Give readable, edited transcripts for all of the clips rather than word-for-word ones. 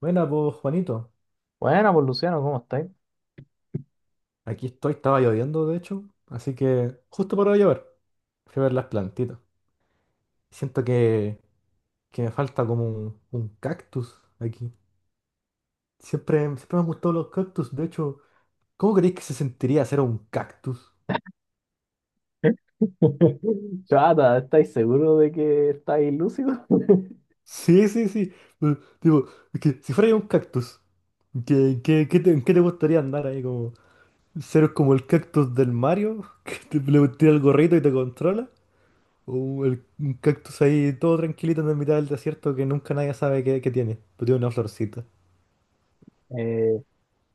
Buena, pues Juanito. Bueno, pues Luciano, ¿cómo estáis? Aquí estoy, estaba lloviendo de hecho, así que justo para llover fui a ver las plantitas. Siento que me falta como un cactus aquí. Siempre me han gustado los cactus, de hecho, ¿cómo creéis que se sentiría ser un cactus? Chata, ¿estáis seguros de que estáis lúcidos? Sí, sí, sí. Digo, es que si fuera yo un cactus, qué en qué te gustaría andar ahí como ser como el cactus del Mario, que le tira el gorrito y te controla? Un cactus ahí todo tranquilito en la mitad del desierto que nunca nadie sabe qué tiene. Pero tiene una florcita. Eh, o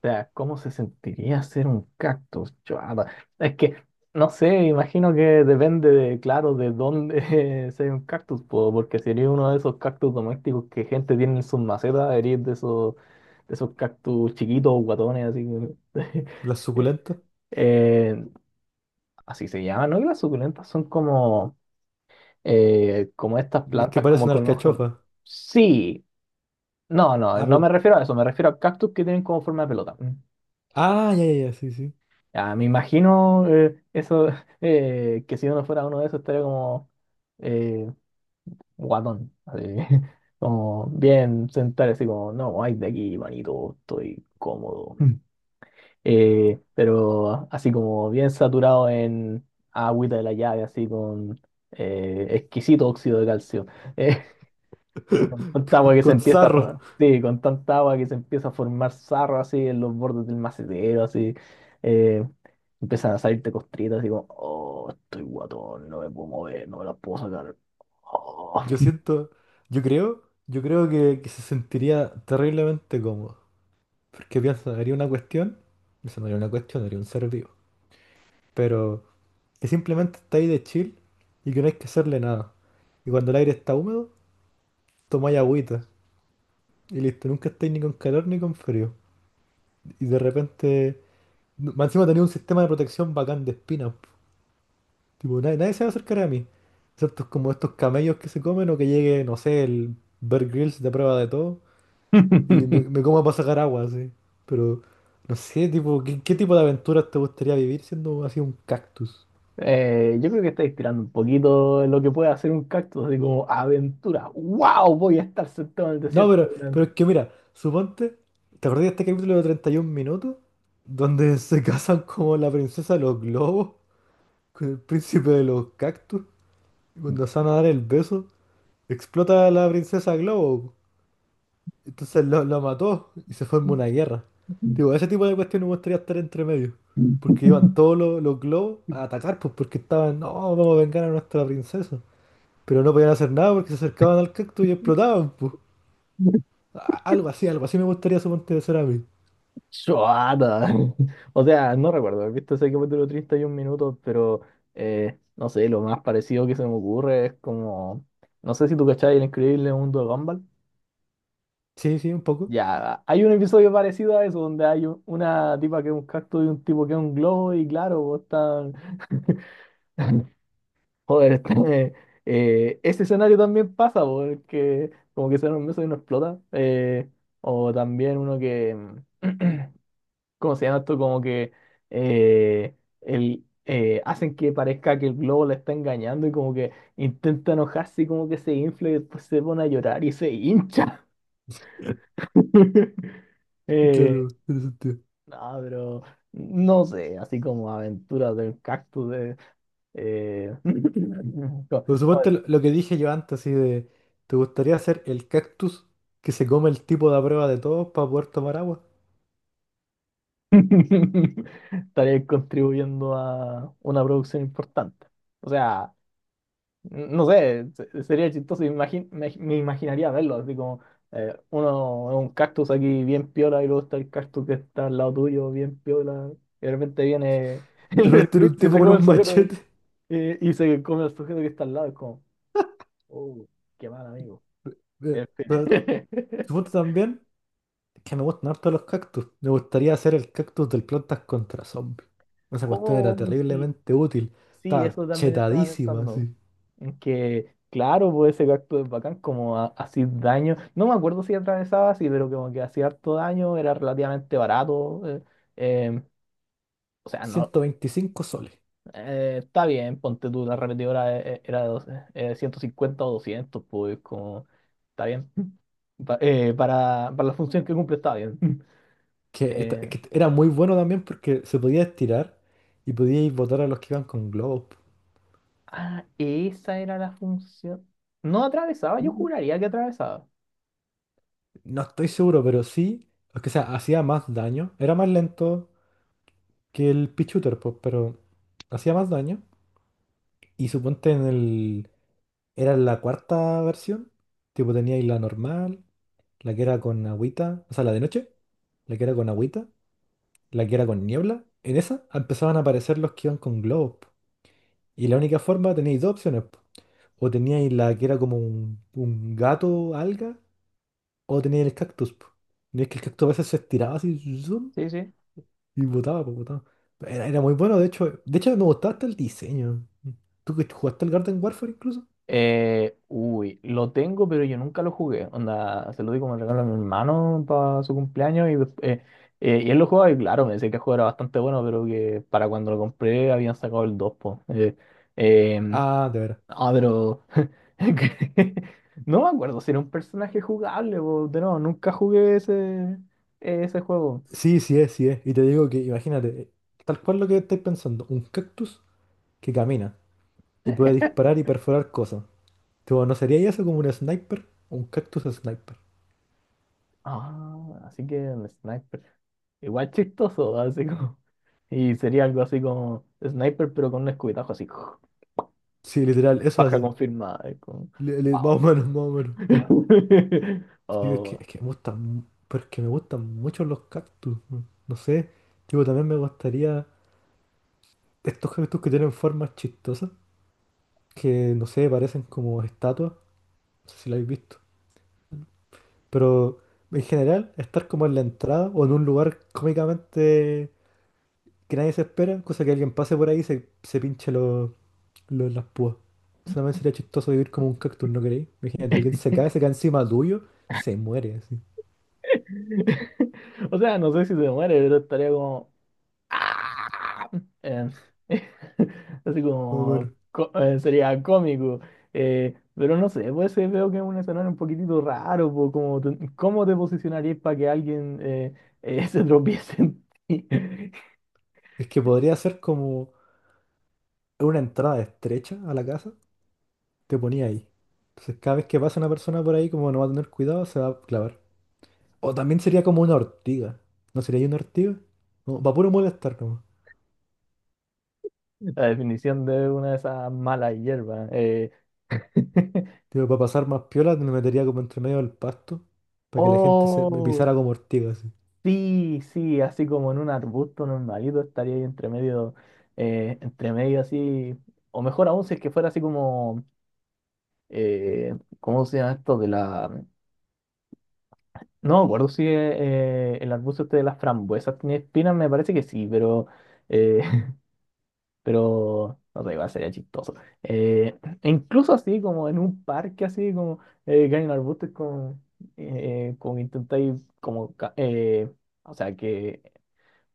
sea, ¿cómo se sentiría ser un cactus? Chata, es que no sé, imagino que depende de, claro, de dónde sea un cactus, po, porque si eres uno de esos cactus domésticos que gente tiene en sus macetas, eres de esos cactus chiquitos, guatones, que... Las suculentas. eh, así se llaman, ¿no? Y las suculentas son como como estas Las que plantas como parecen con hojas. alcachofas. Sí, Ah, no me pero... refiero a eso, me refiero a cactus que tienen como forma de pelota. Mm. Ah, ya, ya, ya, sí, sí. Ya, me imagino eso, que si uno fuera uno de esos estaría como eh, guatón, así, como bien sentado, así como, no, ay, de aquí, manito, estoy cómodo. Mm. Pero así como bien saturado en agüita de la llave, así con exquisito óxido de calcio. Con tanta agua que se Con empieza a, sarro. for- sí, con tanta agua que se empieza a formar sarro así en los bordes del macetero, así. eh, Empiezan a salirte costritas, así como, oh, estoy guatón, no me puedo mover, no me las puedo sacar. Oh. Yo siento... Yo creo... Yo creo que se sentiría terriblemente cómodo. Porque piensa, haría una cuestión. Eso no haría una cuestión, haría un ser vivo. Pero que simplemente está ahí de chill y que no hay que hacerle nada. Y cuando el aire está húmedo, tomáis agüita. Y listo, nunca estáis ni con calor ni con frío. Y de repente. No, más encima tenía un sistema de protección bacán de espinas, po. Tipo, nadie se va a acercar a mí. Excepto como estos camellos que se comen o que llegue, no sé, el Bear Grylls de prueba de todo. Y me coma para sacar agua, así. Pero, no sé, tipo, qué tipo de aventuras te gustaría vivir siendo así un cactus? Yo creo que estáis tirando un poquito lo que puede hacer un cactus, así como aventura. ¡Wow! Voy a estar sentado en el No, desierto. Pero es que mira, suponte, ¿te acordás de este capítulo de 31 minutos? Donde se casan como la princesa de los globos con el príncipe de los cactus. Y cuando se van a dar el beso, explota a la princesa Globo. Entonces lo mató y se forma Durante una guerra. Digo, ese tipo de cuestiones me gustaría estar entre medio. Porque iban todos los globos a atacar, pues porque estaban, no, vamos a vengar a nuestra princesa. Pero no podían hacer nada porque se acercaban al cactus y explotaban, pues. Algo así me gustaría suponte ser a mí. Chuata. O sea, no recuerdo haber visto ese capítulo 31 Minutos, pero no sé, lo más parecido que se me ocurre es como. No sé si tú cachai el increíble mundo de Gumball. Sí, sí, un poco. Ya, hay un episodio parecido a eso, donde hay una tipa que es un cactus y un tipo que es un globo, y claro, vos están. Joder, eh, ese escenario también pasa, porque como que se un beso y no explota. O también uno que. ¿Cómo se llama esto? Como que eh, el, hacen que parezca que el globo la está engañando y como que intenta enojarse y como que se infla y después se pone a llorar y se hincha. Eh, Claro, tiene sentido. no, pero no sé, así como aventuras del cactus. eh, ¿Cómo, Pero cómo suponte decir? lo que dije yo antes, así de, ¿te gustaría ser el cactus que se come el tipo de a prueba de todos para poder tomar agua? Estaré contribuyendo a una producción importante. O sea, no sé, sería chistoso, me imaginaría verlo, así como uno un cactus aquí bien piola y luego está el cactus que está al lado tuyo bien piola y de repente viene De el repente era Blitz un y tipo se con come el un sujeto que- machete. eh, y se come el sujeto que está al lado, es como, oh, qué mal amigo. Eh, En fin. Pero suponte también que me gustan harto los cactus. Me gustaría hacer el cactus del Plantas contra Zombies. Esa cuestión era Oh, sí, terriblemente útil. sí, Estaba eso también estaba chetadísima, pensando. así. En que, claro, puede ser acto es bacán, como hacía daño. No me acuerdo si atravesaba así, pero como que hacía harto daño, era relativamente barato. Eh, o sea, no. 125 soles. Está bien, ponte tú, la repetidora era de 150 o 200 pues como. Está bien. Para la función que cumple, está bien. Que, Eh, que era muy bueno también porque se podía estirar y podíais botar a los que iban con globos, po. ah, esa era la función. No atravesaba, yo Sí. juraría que atravesaba. No estoy seguro, pero sí. O que sea, hacía más daño. Era más lento que el Pichuter, pues, pero hacía más daño. Y suponte en el. Era la cuarta versión. Tipo, teníais la normal, la que era con agüita, o sea, la de noche, la que era con agüita, la que era con niebla. En esa empezaban a aparecer los que iban con globos, po. Y la única forma, teníais dos opciones, po. O teníais la que era como un gato, alga, o teníais el cactus, po. Y es que el cactus a veces se estiraba así zum, Sí, sí. y botaba, po, botaba. Era, era muy bueno, de hecho me gustaba hasta el diseño. ¿Tú que jugaste al Garden Warfare incluso? Uy, lo tengo, pero yo nunca lo jugué. Onda, se lo di como regalo a mi hermano para su cumpleaños y, y él lo jugaba y claro, me decía que el juego era bastante bueno, pero que para cuando lo compré habían sacado el 2, po. Em, Ah, de veras. ah, pero no me acuerdo si era un personaje jugable, po. De nuevo, nunca jugué ese, ese juego. Sí, sí es, sí es. Y te digo que, imagínate, tal cual lo que estáis pensando, un cactus que camina y puede disparar y perforar cosas. Tipo, ¿no sería eso como un sniper? Un cactus sniper. Ah, así que el sniper. Igual chistoso, así como. Y sería algo así como sniper, pero con un escupitajo así. Sí, literal, eso Baja hace. confirmada. Es como, wow. Más o menos, más o menos. Sí, Oh. es que pero es que me gustan mucho los cactus. No sé, tipo, también me gustaría estos cactus que tienen formas chistosas, que, no sé, parecen como estatuas. No sé si lo habéis visto. Pero... en general, estar como en la entrada o en un lugar cómicamente que nadie se espera, cosa que alguien pase por ahí y se pinche las púas. Solamente sería chistoso vivir como un cactus, ¿no creéis? Imagínate, alguien se cae encima tuyo, se muere así. O sea, no sé si se muere, pero estaría como. Ah. Eh, Así Más o como. menos. Sería cómico. Pero no sé, pues veo que es un escenario un poquitito raro. Po, ¿cómo te posicionarías para que alguien se tropiece en ti? Es que podría ser como una entrada estrecha a la casa, te ponía ahí. Entonces cada vez que pasa una persona por ahí, como no va a tener cuidado, se va a clavar. O también sería como una ortiga. ¿No sería ahí una ortiga? No, para puro molestar nomás. La definición de una de esas malas hierbas. Tipo, para pasar más piola me metería como entre medio del pasto, para que la gente se me ¡Oh! pisara como ortiga así. Sí, sí, así como en un arbusto normalito estaría ahí entre medio así, o mejor aún si es que fuera así como, ¿cómo se llama esto? De la... No me acuerdo si el arbusto este de las frambuesas tiene espinas, me parece que sí, pero, eh, pero no sé, igual sería chistoso. E incluso así como en un parque así como, que hay un arbusto es como, como intentáis como, ca- o sea que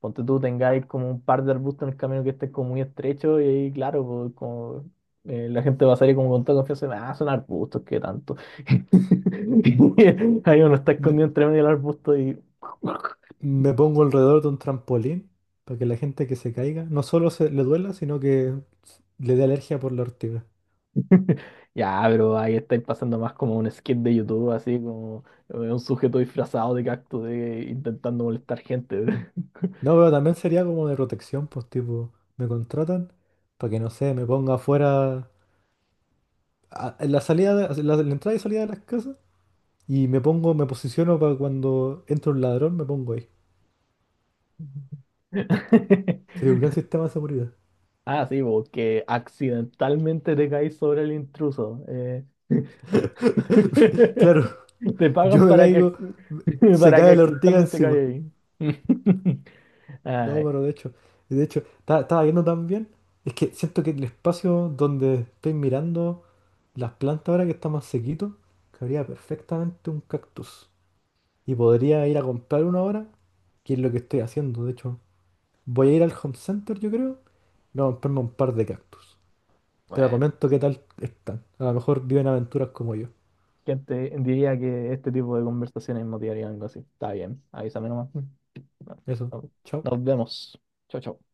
ponte tú, tengáis como un par de arbustos en el camino que estés como muy estrecho y ahí, claro, pues, como, la gente va a salir como con toda confianza, ah, son arbustos, qué tanto. Ahí uno está escondido entre medio del arbusto y... Me pongo alrededor de un trampolín para que la gente que se caiga no solo se le duela, sino que le dé alergia por la ortiga. Ya, pero ahí estáis pasando más como un skit de YouTube, así como un sujeto disfrazado de cactus intentando molestar gente. No, pero también sería como de protección, pues tipo, me contratan para que no sé, me ponga afuera en la salida en en la entrada y salida de las casas y me pongo, me posiciono para cuando entra un ladrón, me pongo ahí. Sería un gran sistema de seguridad. Ah, sí, porque accidentalmente te caes sobre el intruso. Claro, Te yo pagan me para que, caigo, se para que cae la ortiga accidentalmente encima. caigas ahí. No, Ay, pero de hecho, estaba viendo también, es que siento que el espacio donde estoy mirando las plantas ahora que está más sequito, cabría perfectamente un cactus. Y podría ir a comprar uno ahora, que es lo que estoy haciendo. De hecho, voy a ir al Home Center, yo creo, y voy a comprarme un par de cactus. Te lo bueno, comento qué tal están. A lo mejor viven aventuras como yo. ¿quién te diría que este tipo de conversaciones motivarían algo así? Está bien, avísame nomás. No, Eso, no, chao. nos vemos. Chao, chao.